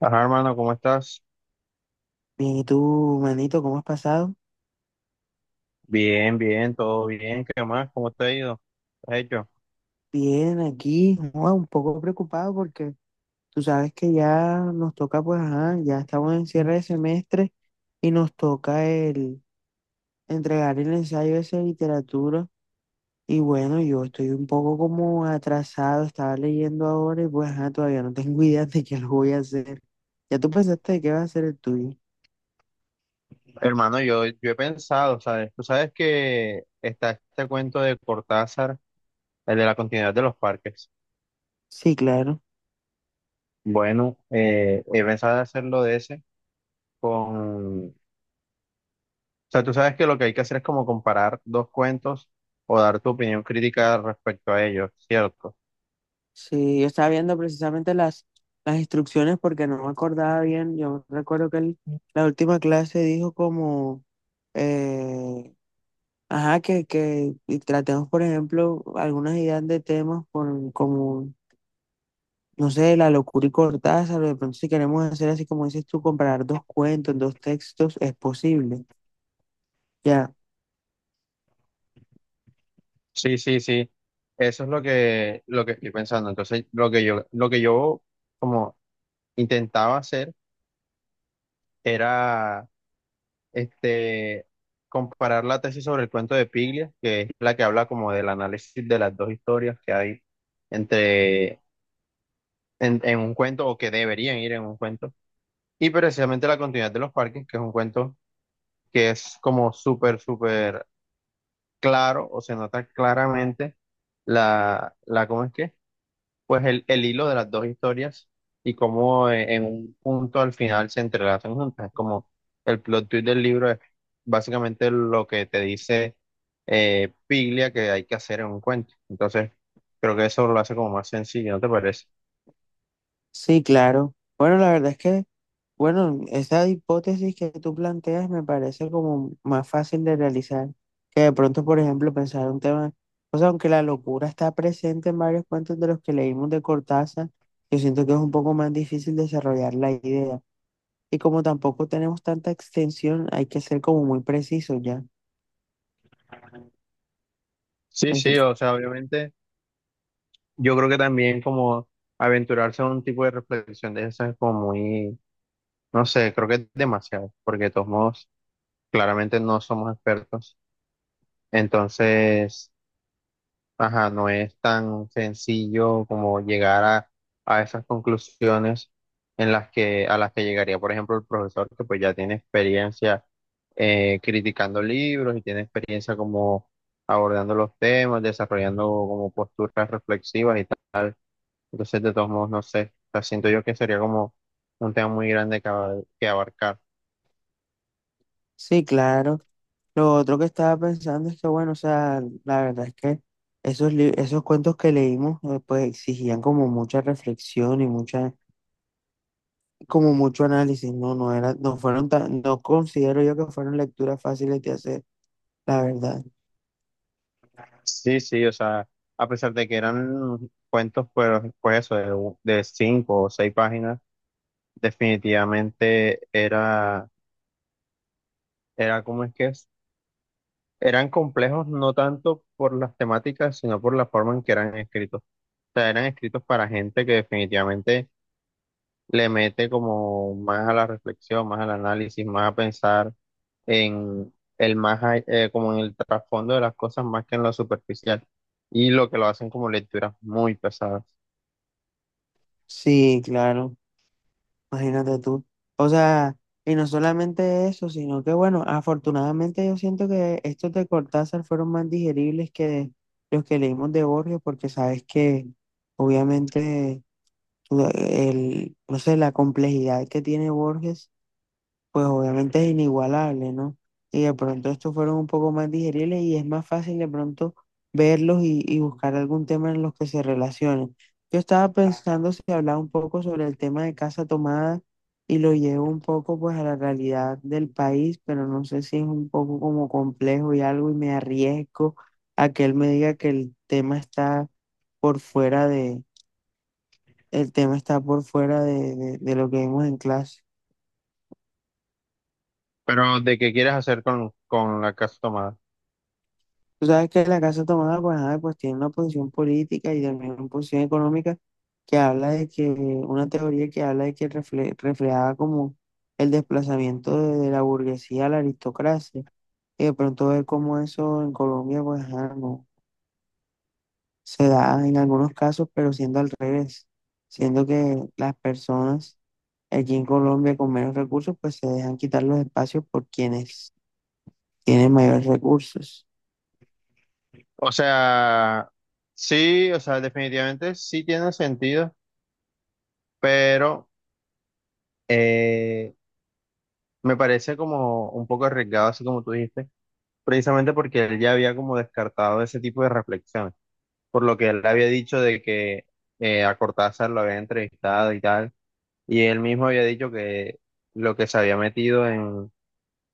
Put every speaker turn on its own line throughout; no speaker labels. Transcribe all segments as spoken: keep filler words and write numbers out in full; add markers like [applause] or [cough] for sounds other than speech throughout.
Ajá, hermano, ¿cómo estás?
Bien. Y tú, manito, ¿cómo has pasado?
Bien, bien, todo bien. ¿Qué más? ¿Cómo te ha ido? ¿Qué has hecho?
Bien, aquí, joa, un poco preocupado porque tú sabes que ya nos toca, pues, ajá, ya estamos en cierre de semestre y nos toca el entregar el ensayo ese de literatura. Y bueno, yo estoy un poco como atrasado, estaba leyendo ahora y pues, ajá, todavía no tengo [laughs] idea de qué lo voy a hacer. ¿Ya tú pensaste de qué va a ser el tuyo?
Hermano, yo, yo he pensado, ¿sabes? Tú sabes que está este cuento de Cortázar, el de la continuidad de los parques.
Sí, claro.
Bueno, eh, he pensado hacerlo de ese con... O sea, tú sabes que lo que hay que hacer es como comparar dos cuentos o dar tu opinión crítica respecto a ellos, ¿cierto?
Sí, yo estaba viendo precisamente las, las instrucciones porque no me acordaba bien. Yo recuerdo que él, la última clase dijo como, eh, ajá, que, que y tratemos, por ejemplo, algunas ideas de temas por, como, no sé, la locura y Cortázar. De pronto, si queremos hacer así como dices tú, comparar dos cuentos, dos textos, es posible. Ya,
Sí, sí, sí. Eso es lo que, lo que estoy pensando. Entonces, lo que yo, lo que yo como intentaba hacer era este, comparar la tesis sobre el cuento de Piglia, que es la que habla como del análisis de las dos historias que hay entre, en, en un cuento o que deberían ir en un cuento, y precisamente la continuidad de los parques, que es un cuento que es como súper, súper claro o se nota claramente la, la, ¿cómo es que? Pues el, el hilo de las dos historias y cómo eh, en un punto al final se entrelazan juntas. Es como el plot twist del libro es básicamente lo que te dice eh, Piglia que hay que hacer en un cuento. Entonces, creo que eso lo hace como más sencillo, ¿no te parece?
sí, claro. Bueno, la verdad es que… Bueno, esa hipótesis que tú planteas me parece como más fácil de realizar que de pronto, por ejemplo, pensar un tema, o sea, aunque la locura está presente en varios cuentos de los que leímos de Cortázar, yo siento que es un poco más difícil desarrollar la idea. Y como tampoco tenemos tanta extensión, hay que ser como muy preciso ya.
Sí,
Ujú.
sí, o sea, obviamente yo creo que también como aventurarse a un tipo de reflexión de esa es como muy, no sé, creo que es demasiado, porque de todos modos claramente no somos expertos. Entonces... Ajá, no es tan sencillo como llegar a, a esas conclusiones en las que, a las que llegaría, por ejemplo, el profesor que pues ya tiene experiencia eh, criticando libros y tiene experiencia como abordando los temas, desarrollando como posturas reflexivas y tal. Entonces, de todos modos, no sé, o sea, siento yo que sería como un tema muy grande que, abar- que abarcar.
Sí, claro. Lo otro que estaba pensando es que, bueno, o sea, la verdad es que esos, li- esos cuentos que leímos, eh, pues exigían como mucha reflexión y mucha como mucho análisis, no, no era, no fueron tan, no considero yo que fueron lecturas fáciles de hacer, la verdad.
Sí, sí, o sea, a pesar de que eran cuentos, pues, pues eso, de, u- de cinco o seis páginas. Definitivamente era, era como es que es, eran complejos no tanto por las temáticas, sino por la forma en que eran escritos. O sea, eran escritos para gente que definitivamente le mete como más a la reflexión, más al análisis, más a pensar en el más, a- eh, como en el trasfondo de las cosas más que en lo superficial. Y lo que lo hacen como lecturas muy pesadas.
Sí, claro, imagínate tú. O sea, y no solamente eso, sino que bueno, afortunadamente yo siento que estos de Cortázar fueron más digeribles que los que leímos de Borges, porque sabes que obviamente tú- el, no sé, la complejidad que tiene Borges pues obviamente es inigualable, ¿no? Y de pronto estos fueron un poco más digeribles y es más fácil de pronto verlos y, y buscar algún tema en los que se relacionen. Yo estaba pensando si hablaba un poco sobre el tema de casa tomada y lo llevo un poco pues a la realidad del país, pero no sé si es un poco como complejo y algo y me arriesgo a que él me diga que el tema está por fuera de, el tema está por fuera de, de, de lo que vimos en clase.
Pero, ¿de qué quieres hacer con, con la casa tomada?
Tú sabes que la Casa Tomada, pues, ajá, pues tiene una posición política y también una posición económica que habla de que, una teoría que habla de que refle- reflejaba como el desplazamiento de, de la burguesía a la aristocracia. Y de pronto ver cómo eso en Colombia, pues, ajá, no se da en algunos casos, pero siendo al revés, siendo que las personas aquí en Colombia con menos recursos, pues se dejan quitar los espacios por quienes tienen mayores recursos.
O sea, sí, o sea, definitivamente sí tiene sentido, pero eh, me parece como un poco arriesgado, así como tú dijiste, precisamente porque él ya había como descartado ese tipo de reflexiones, por lo que él había dicho de que eh, a Cortázar lo había entrevistado y tal, y él mismo había dicho que lo que se había metido en,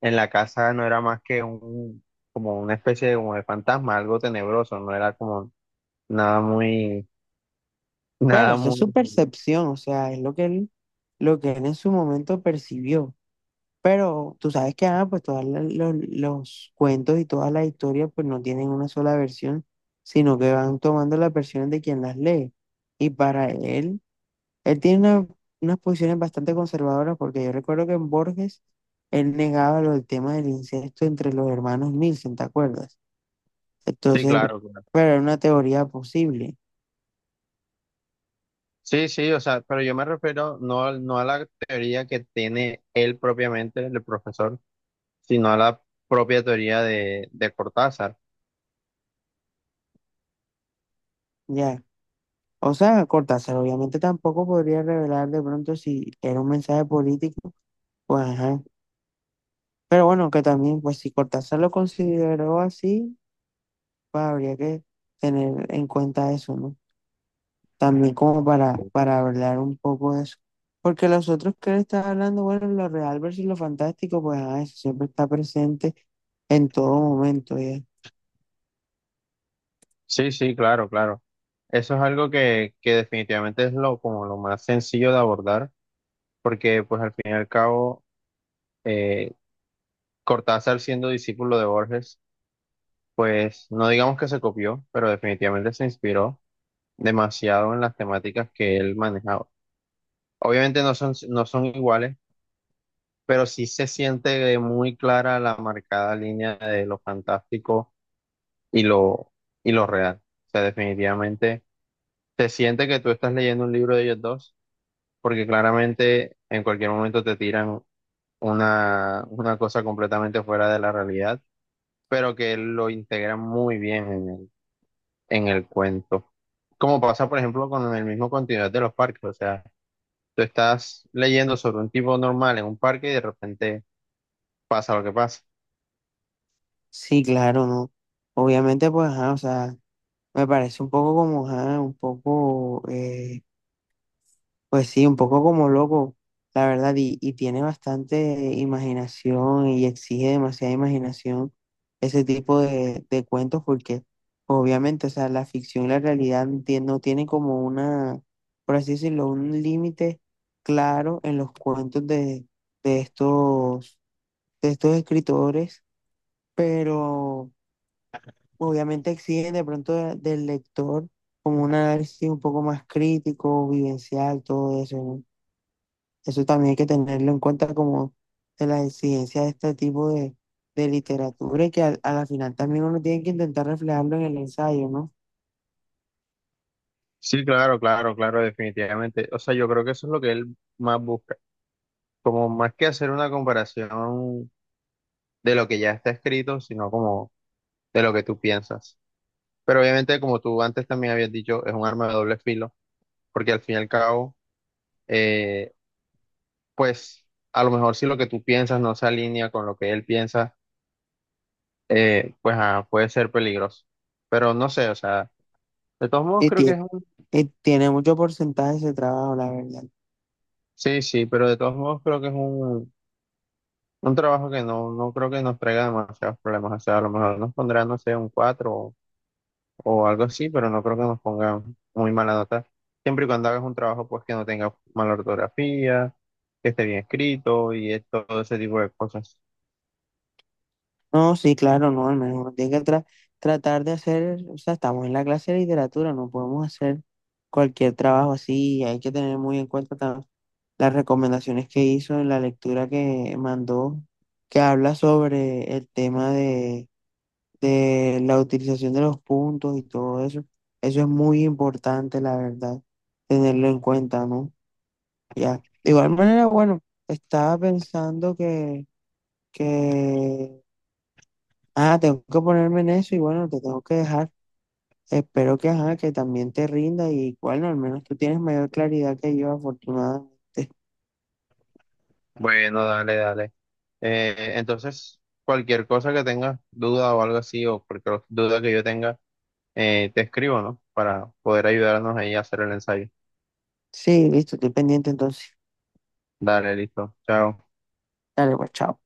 en la casa no era más que un, como una especie de, como de fantasma, algo tenebroso, no era como nada muy, [laughs]
Pero
nada
eso es
muy...
su percepción, o sea, es lo que él, lo que él en su momento percibió. Pero tú sabes que, ah, pues todos los, los cuentos y todas las historias, pues no tienen una sola versión, sino que van tomando las versiones de quien las lee. Y para él, él tiene una- unas posiciones bastante conservadoras, porque yo recuerdo que en Borges, él negaba lo del tema del incesto entre los hermanos Nielsen, ¿te acuerdas?
Sí,
Entonces,
claro, claro.
pero era una teoría posible.
Sí, sí, o sea, pero yo me refiero no, al- no a la teoría que tiene él propiamente, el profesor, sino a la propia teoría de, de Cortázar.
Ya. O sea, Cortázar obviamente tampoco podría revelar de pronto si era un mensaje político, pues ajá. Pero bueno, que también, pues si Cortázar lo consideró así, pues habría que tener en cuenta eso, ¿no? También como para, para hablar un poco de eso. Porque los otros que él está hablando, bueno, lo real versus lo fantástico, pues ajá, eso siempre está presente en todo momento, ¿ya?
Sí, sí, claro, claro. Eso es algo que, que definitivamente es lo, como lo más sencillo de abordar, porque pues al fin y al cabo, eh, Cortázar siendo discípulo de Borges, pues no digamos que se copió, pero definitivamente se inspiró demasiado en las temáticas que él manejaba. Obviamente no son, no son iguales, pero sí se siente muy clara la marcada línea de lo fantástico y lo, y lo real. O sea, definitivamente se siente que tú estás leyendo un libro de ellos dos, porque claramente en cualquier momento te tiran una, una cosa completamente fuera de la realidad, pero que lo integran muy bien en el, en el cuento. Como pasa, por ejemplo, con el mismo continuidad de los parques, o sea, tú estás leyendo sobre un tipo normal en un parque y de repente pasa lo que pasa.
Sí, claro, ¿no? Obviamente, pues ajá, o sea, me parece un poco como, ajá, un poco… eh, pues sí, un poco como loco, la verdad, y, y tiene bastante imaginación y exige demasiada imaginación ese tipo de, de cuentos porque obviamente, o sea, la ficción y la realidad no tie- no tienen como una, por así decirlo, un límite claro en los cuentos de, de estos, de estos escritores, pero obviamente exigen de pronto de- del lector como un análisis un poco más crítico, vivencial, todo eso, ¿no? Eso también hay que tenerlo en cuenta como de las exigencias de este tipo de, de literatura y que al- a la final también uno tiene que intentar reflejarlo en el ensayo, ¿no?
Sí, claro, claro, claro, definitivamente. O sea, yo creo que eso es lo que él más busca. Como más que hacer una comparación de lo que ya está escrito, sino como de lo que tú piensas. Pero obviamente, como tú antes también habías dicho, es un arma de doble filo, porque al fin y al cabo, eh, pues a lo mejor si lo que tú piensas no se alinea con lo que él piensa, eh, pues ah, puede ser peligroso. Pero no sé, o sea, de todos modos
Y
creo que
tie-
es un...
y tiene mucho porcentaje ese trabajo, la verdad.
Sí, sí, pero de todos modos creo que es un Un trabajo que no, no creo que nos traiga demasiados problemas. O sea, a lo mejor nos pondrá, no sé, un cuatro o, o algo así, pero no creo que nos ponga muy mala nota. Siempre y cuando hagas un trabajo, pues que no tenga mala ortografía, que esté bien escrito y es- todo ese tipo de cosas.
No, sí, claro, no, al menos uno tiene que tra- tratar de hacer, o sea, estamos en la clase de literatura, no podemos hacer cualquier trabajo así, y hay que tener muy en cuenta tam- las recomendaciones que hizo en la lectura que mandó, que habla sobre el tema de de la utilización de los puntos y todo eso. Eso es muy importante, la verdad, tenerlo en cuenta, ¿no? Ya. De igual manera, bueno, estaba pensando que, que, ah, tengo que ponerme en eso y bueno, te tengo que dejar. Espero que, ajá, que también te rinda y bueno, al menos tú tienes mayor claridad que yo, afortunadamente.
Bueno, dale, dale. Eh, entonces, cualquier cosa que tengas duda o algo así, o cualquier duda que yo tenga, eh, te escribo, ¿no? Para poder ayudarnos ahí a hacer el ensayo.
Sí, listo, estoy pendiente entonces.
Dale, listo. Chao.
Dale, pues, chao.